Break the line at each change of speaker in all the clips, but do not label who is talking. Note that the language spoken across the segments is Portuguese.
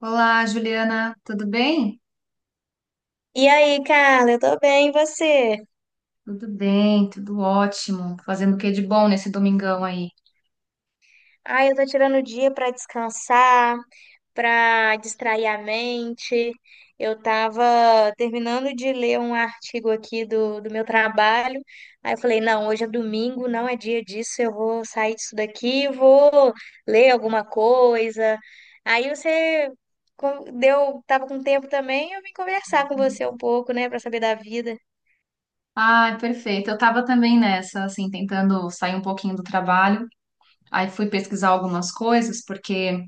Olá, Juliana, tudo bem?
E aí, Carla, eu tô bem, e você?
Tudo bem, tudo ótimo. Fazendo o que de bom nesse domingão aí?
Ai, eu tô tirando o dia pra descansar, pra distrair a mente. Eu tava terminando de ler um artigo aqui do meu trabalho. Aí eu falei, não, hoje é domingo, não é dia disso, eu vou sair disso daqui, vou ler alguma coisa. Aí você deu, tava com tempo também, eu vim conversar com você um pouco, né, pra saber da vida.
Ah, perfeito. Eu tava também nessa, assim, tentando sair um pouquinho do trabalho. Aí fui pesquisar algumas coisas, porque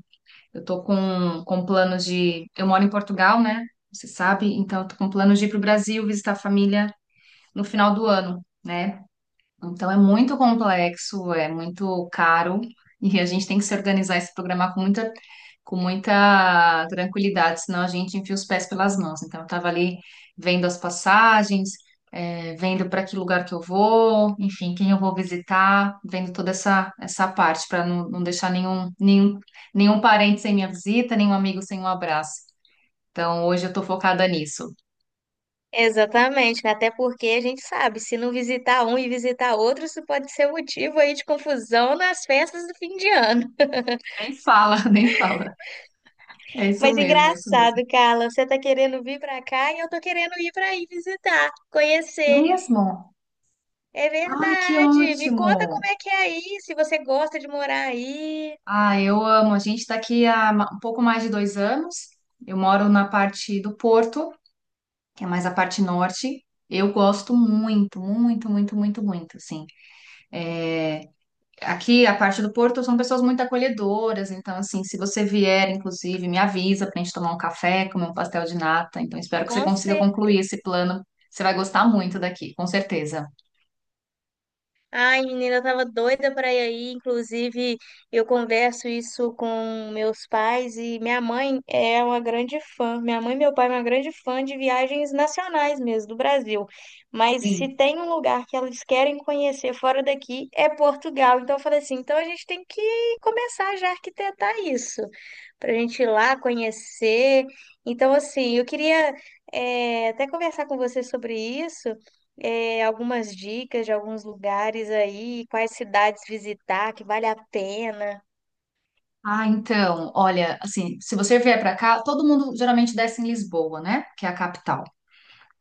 eu tô com planos de. Eu moro em Portugal, né? Você sabe? Então, eu tô com planos de ir pro Brasil visitar a família no final do ano, né? Então é muito complexo, é muito caro e a gente tem que se organizar e se programar com muita tranquilidade, senão a gente enfia os pés pelas mãos. Então eu estava ali vendo as passagens, vendo para que lugar que eu vou, enfim, quem eu vou visitar, vendo toda essa parte para não deixar nenhum parente sem minha visita, nenhum amigo sem um abraço. Então hoje eu estou focada nisso.
Exatamente, né? Até porque a gente sabe, se não visitar um e visitar outro, isso pode ser motivo aí de confusão nas festas do fim de ano.
Nem fala, nem fala. É isso
Mas
mesmo, é isso mesmo.
engraçado, Carla, você tá querendo vir pra cá e eu tô querendo ir pra aí visitar, conhecer.
Mesmo.
É
Ai, que
verdade. Me conta como
ótimo!
é que é aí, se você gosta de morar aí.
Ah, eu amo. A gente está aqui há um pouco mais de 2 anos. Eu moro na parte do Porto, que é mais a parte norte. Eu gosto muito, muito, muito, muito, muito, assim. É. Aqui, a parte do Porto, são pessoas muito acolhedoras. Então, assim, se você vier, inclusive, me avisa para a gente tomar um café, comer um pastel de nata. Então, espero que você
Com
consiga
certeza.
concluir esse plano. Você vai gostar muito daqui, com certeza.
Ai, menina, eu tava doida para ir aí. Inclusive, eu converso isso com meus pais e minha mãe é uma grande fã. Minha mãe e meu pai é uma grande fã de viagens nacionais mesmo, do Brasil. Mas
Sim.
se tem um lugar que eles querem conhecer fora daqui, é Portugal. Então eu falei assim, então a gente tem que começar já a arquitetar isso, para a gente ir lá conhecer. Então, assim, eu queria até conversar com você sobre isso, é, algumas dicas de alguns lugares aí, quais cidades visitar que vale a pena.
Ah, então, olha, assim, se você vier para cá, todo mundo geralmente desce em Lisboa, né? Que é a capital.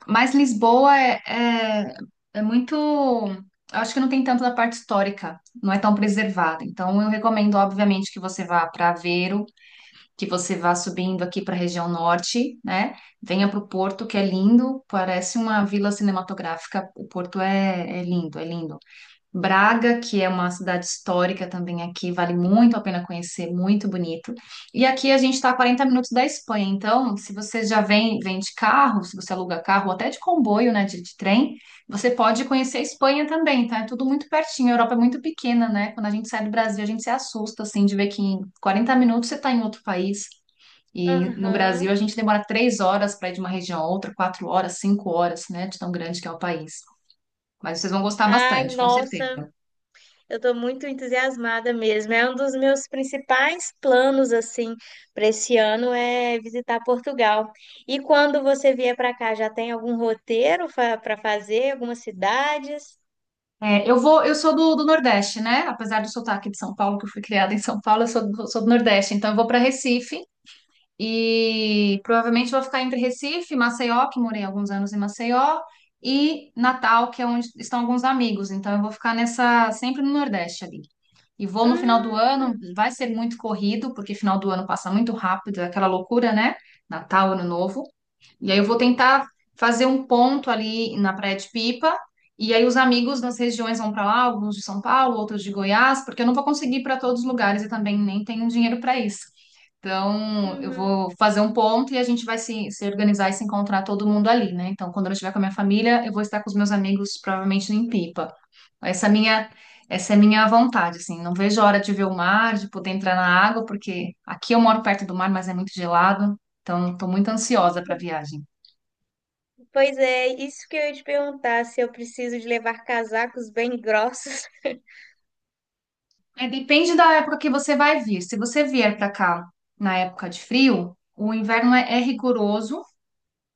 Mas Lisboa é muito. Eu acho que não tem tanto da parte histórica, não é tão preservada. Então, eu recomendo, obviamente, que você vá para Aveiro, que você vá subindo aqui para a região norte, né? Venha para o Porto, que é lindo, parece uma vila cinematográfica. O Porto é lindo, é lindo. Braga, que é uma cidade histórica também aqui, vale muito a pena conhecer, muito bonito. E aqui a gente está a 40 minutos da Espanha, então, se você já vem, vem de carro, se você aluga carro, ou até de comboio, né, de trem, você pode conhecer a Espanha também, tá? É tudo muito pertinho, a Europa é muito pequena, né? Quando a gente sai do Brasil, a gente se assusta, assim, de ver que em 40 minutos você está em outro país. E no Brasil,
Aham.
a gente demora 3 horas para ir de uma região a outra, 4 horas, 5 horas, né, de tão grande que é o país. Mas vocês vão gostar
Ai,
bastante, com
nossa,
certeza.
eu tô muito entusiasmada mesmo. É um dos meus principais planos, assim, para esse ano é visitar Portugal. E quando você vier para cá, já tem algum roteiro para fazer, algumas cidades?
É, eu sou do Nordeste, né? Apesar do sotaque de São Paulo, que eu fui criada em São Paulo, eu sou do Nordeste. Então eu vou para Recife e provavelmente vou ficar entre Recife, Maceió, que morei alguns anos em Maceió, e Natal, que é onde estão alguns amigos. Então eu vou ficar nessa sempre no Nordeste ali. E vou no final do ano,
Hum.
vai ser muito corrido, porque final do ano passa muito rápido, é aquela loucura, né? Natal, Ano Novo. E aí eu vou tentar fazer um ponto ali na Praia de Pipa. E aí os amigos das regiões vão para lá, alguns de São Paulo, outros de Goiás, porque eu não vou conseguir ir para todos os lugares e também nem tenho dinheiro para isso. Então, eu
Uhum.
vou fazer um ponto e a gente vai se organizar e se encontrar todo mundo ali, né? Então, quando eu estiver com a minha família, eu vou estar com os meus amigos, provavelmente em Pipa. Essa é a minha, essa é a minha vontade, assim. Não vejo a hora de ver o mar, de poder entrar na água, porque aqui eu moro perto do mar, mas é muito gelado. Então, estou muito ansiosa para a viagem.
Pois é, isso que eu ia te perguntar, se eu preciso de levar casacos bem grossos.
É, depende da época que você vai vir. Se você vier para cá na época de frio, o inverno é rigoroso,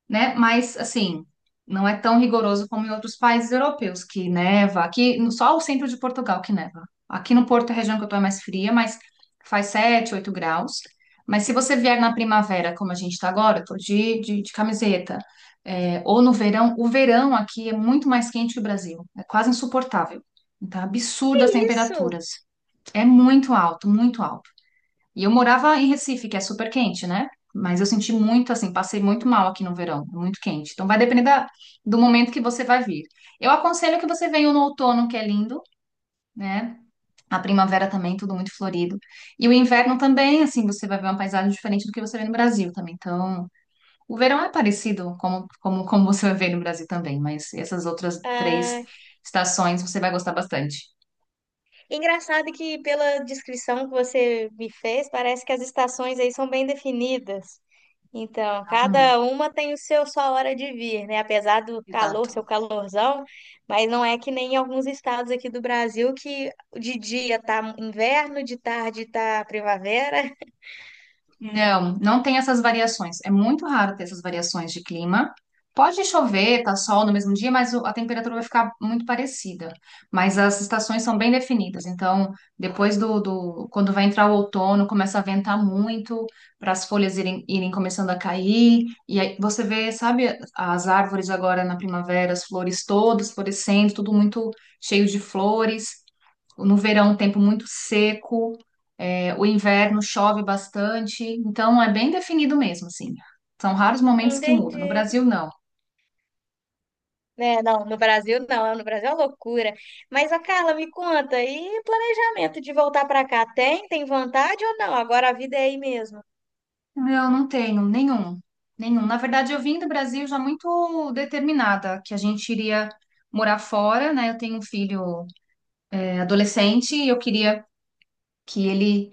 né? Mas assim, não é tão rigoroso como em outros países europeus que neva. Aqui, só o centro de Portugal que neva. Aqui no Porto, a região que eu estou é mais fria, mas faz 7 8 graus. Mas se você vier na primavera, como a gente está agora, eu tô de camiseta, ou no verão, o verão aqui é muito mais quente que o Brasil. É quase insuportável. Tá
Que
absurdas
isso?
temperaturas. É muito alto, muito alto. E eu morava em Recife, que é super quente, né? Mas eu senti muito assim, passei muito mal aqui no verão, muito quente. Então vai depender do momento que você vai vir. Eu aconselho que você venha no outono, que é lindo, né? A primavera também, tudo muito florido. E o inverno também, assim, você vai ver uma paisagem diferente do que você vê no Brasil também. Então, o verão é parecido como você vai ver no Brasil também, mas essas outras três
Ah,
estações você vai gostar bastante.
engraçado que pela descrição que você me fez, parece que as estações aí são bem definidas. Então,
Exatamente.
cada uma tem o seu, sua hora de vir, né? Apesar do calor, seu
Exato.
calorzão, mas não é que nem em alguns estados aqui do Brasil que de dia tá inverno, de tarde tá primavera.
Não, não tem essas variações. É muito raro ter essas variações de clima. Pode chover, tá sol no mesmo dia, mas a temperatura vai ficar muito parecida. Mas as estações são bem definidas. Então, depois quando vai entrar o outono, começa a ventar muito para as folhas irem começando a cair. E aí você vê, sabe, as árvores agora na primavera, as flores todas florescendo, tudo muito cheio de flores. No verão, um tempo muito seco, o inverno chove bastante, então é bem definido mesmo, assim. São raros momentos que mudam. No
Entendi.
Brasil, não.
Né, não, no Brasil não, no Brasil é uma loucura. Mas a Carla, me conta, e planejamento de voltar para cá tem? Tem vontade ou não? Agora a vida é aí mesmo.
Não, não tenho nenhum, nenhum. Na verdade, eu vim do Brasil já muito determinada que a gente iria morar fora, né? Eu tenho um filho, adolescente, e eu queria que ele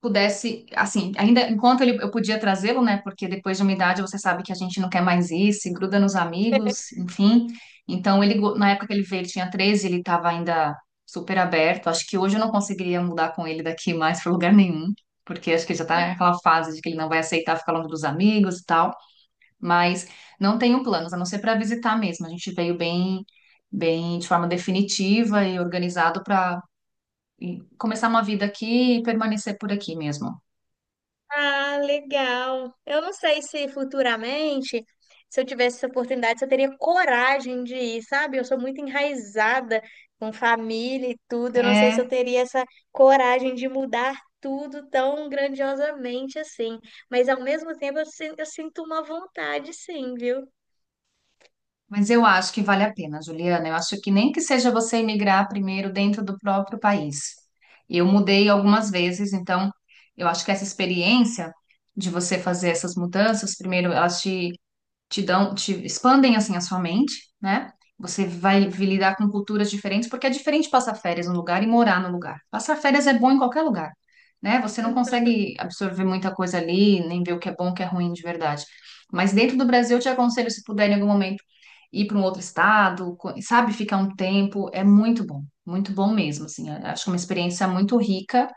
pudesse, assim, ainda enquanto ele, eu podia trazê-lo, né? Porque depois de uma idade você sabe que a gente não quer mais ir, se gruda nos amigos, enfim. Então ele na época que ele veio, ele tinha 13. Ele estava ainda super aberto. Acho que hoje eu não conseguiria mudar com ele daqui mais para lugar nenhum, porque acho que ele já está naquela fase de que ele não vai aceitar ficar longe dos amigos e tal. Mas não tenho planos, a não ser para visitar mesmo. A gente veio bem de forma definitiva e organizado para começar uma vida aqui e permanecer por aqui mesmo.
Ah, legal. Eu não sei se futuramente, se eu tivesse essa oportunidade, se eu teria coragem de ir, sabe? Eu sou muito enraizada com família e tudo. Eu não sei se eu
É,
teria essa coragem de mudar tudo tão grandiosamente assim. Mas ao mesmo tempo, eu, eu sinto uma vontade, sim, viu?
mas eu acho que vale a pena, Juliana. Eu acho que nem que seja você emigrar primeiro dentro do próprio país. Eu mudei algumas vezes, então eu acho que essa experiência de você fazer essas mudanças, primeiro elas te dão, te expandem assim a sua mente, né? Você vai lidar com culturas diferentes, porque é diferente passar férias num lugar e morar no lugar. Passar férias é bom em qualquer lugar, né? Você não consegue absorver muita coisa ali, nem ver o que é bom, o que é ruim de verdade. Mas dentro do Brasil, eu te aconselho, se puder, em algum momento ir para um outro estado, sabe, ficar um tempo, é muito bom mesmo, assim, eu acho uma experiência muito rica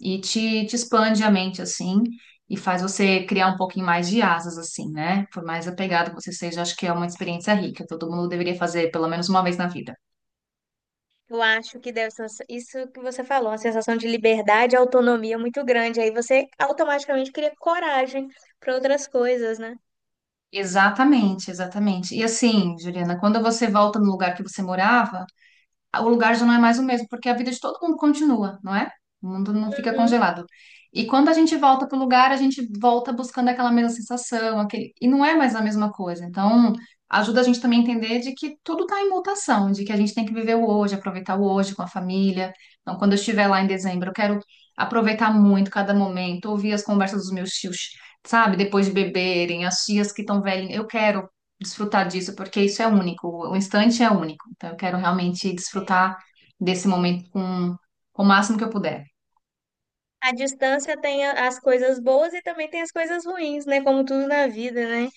e te expande a mente, assim, e faz você criar um pouquinho mais de asas, assim, né? Por mais apegado que você seja, acho que é uma experiência rica, todo mundo deveria fazer pelo menos uma vez na vida.
Eu acho que deve ser isso que você falou, uma sensação de liberdade e autonomia muito grande. Aí você automaticamente cria coragem para outras coisas, né?
Exatamente, exatamente. E assim, Juliana, quando você volta no lugar que você morava, o lugar já não é mais o mesmo, porque a vida de todo mundo continua, não é? O mundo não fica
Uhum.
congelado. E quando a gente volta para o lugar, a gente volta buscando aquela mesma sensação, aquele, e não é mais a mesma coisa. Então, ajuda a gente também a entender de que tudo está em mutação, de que a gente tem que viver o hoje, aproveitar o hoje com a família. Então, quando eu estiver lá em dezembro, eu quero aproveitar muito cada momento, ouvir as conversas dos meus tios, sabe? Depois de beberem, as tias que estão velhinhas, eu quero desfrutar disso, porque isso é único, o instante é único. Então, eu quero realmente desfrutar desse momento com o máximo que eu puder.
A distância tem as coisas boas e também tem as coisas ruins, né? Como tudo na vida, né?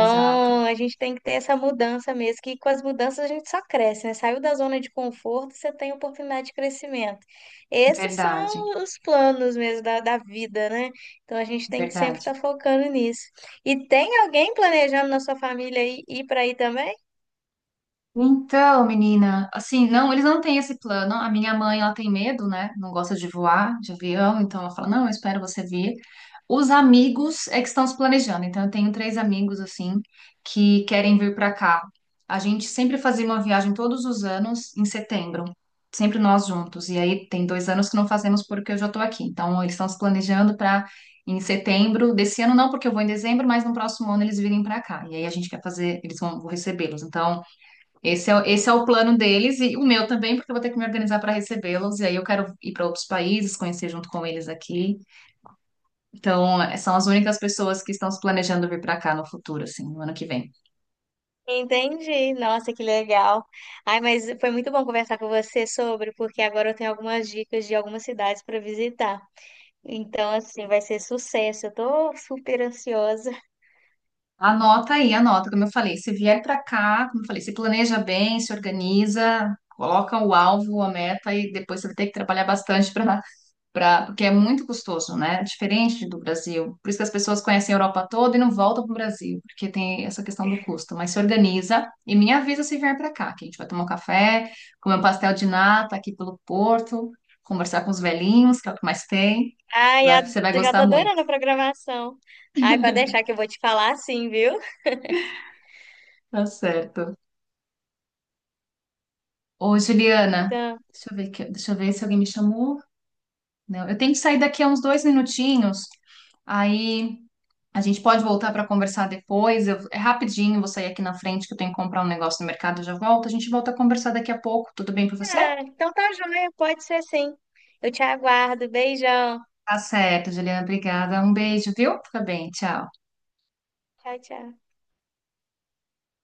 Exato,
a gente tem que ter essa mudança mesmo, que com as mudanças a gente só cresce, né? Saiu da zona de conforto, você tem oportunidade de crescimento. Esses
verdade,
são os planos mesmo da vida, né? Então, a gente tem que sempre
verdade.
estar focando nisso. E tem alguém planejando na sua família ir, ir para aí também?
Então, menina, assim, não, eles não têm esse plano. A minha mãe, ela tem medo, né? Não gosta de voar de avião, então ela fala: "Não, eu espero você vir". Os amigos é que estão se planejando. Então, eu tenho três amigos assim que querem vir para cá. A gente sempre fazia uma viagem todos os anos em setembro, sempre nós juntos. E aí tem 2 anos que não fazemos porque eu já estou aqui. Então, eles estão se planejando para em setembro desse ano não, porque eu vou em dezembro, mas no próximo ano eles virem para cá. E aí a gente quer fazer, eles vão vou recebê-los. Então esse é o plano deles e o meu também, porque eu vou ter que me organizar para recebê-los. E aí eu quero ir para outros países, conhecer junto com eles aqui. Então, são as únicas pessoas que estão se planejando vir para cá no futuro, assim, no ano que vem.
Entendi. Nossa, que legal. Ai, mas foi muito bom conversar com você sobre, porque agora eu tenho algumas dicas de algumas cidades para visitar. Então, assim, vai ser sucesso. Eu tô super ansiosa.
Anota aí, anota, como eu falei. Se vier para cá, como eu falei, se planeja bem, se organiza, coloca o alvo, a meta e depois você vai ter que trabalhar bastante para Pra, porque é muito custoso, né? Diferente do Brasil. Por isso que as pessoas conhecem a Europa toda e não voltam para o Brasil, porque tem essa questão do custo. Mas se organiza e me avisa se vier para cá, que a gente vai tomar um café, comer um pastel de nata aqui pelo Porto, conversar com os velhinhos, que é o que mais tem. Você
Ai,
vai, você vai
eu já tô
gostar muito.
adorando a programação. Ai, pode deixar que eu vou te falar sim, viu?
Tá certo. Ô, Juliana,
Então,
deixa eu ver, se alguém me chamou. Não, eu tenho que sair daqui a uns 2 minutinhos. Aí. A gente pode voltar para conversar depois. É rapidinho, vou sair aqui na frente que eu tenho que comprar um negócio no mercado, eu já volto. A gente volta a conversar daqui a pouco. Tudo bem para você?
ah, então tá joia, pode ser sim. Eu te aguardo. Beijão.
Tá certo, Juliana. Obrigada. Um beijo, viu? Fica bem. Tchau.
Tchau, tchau.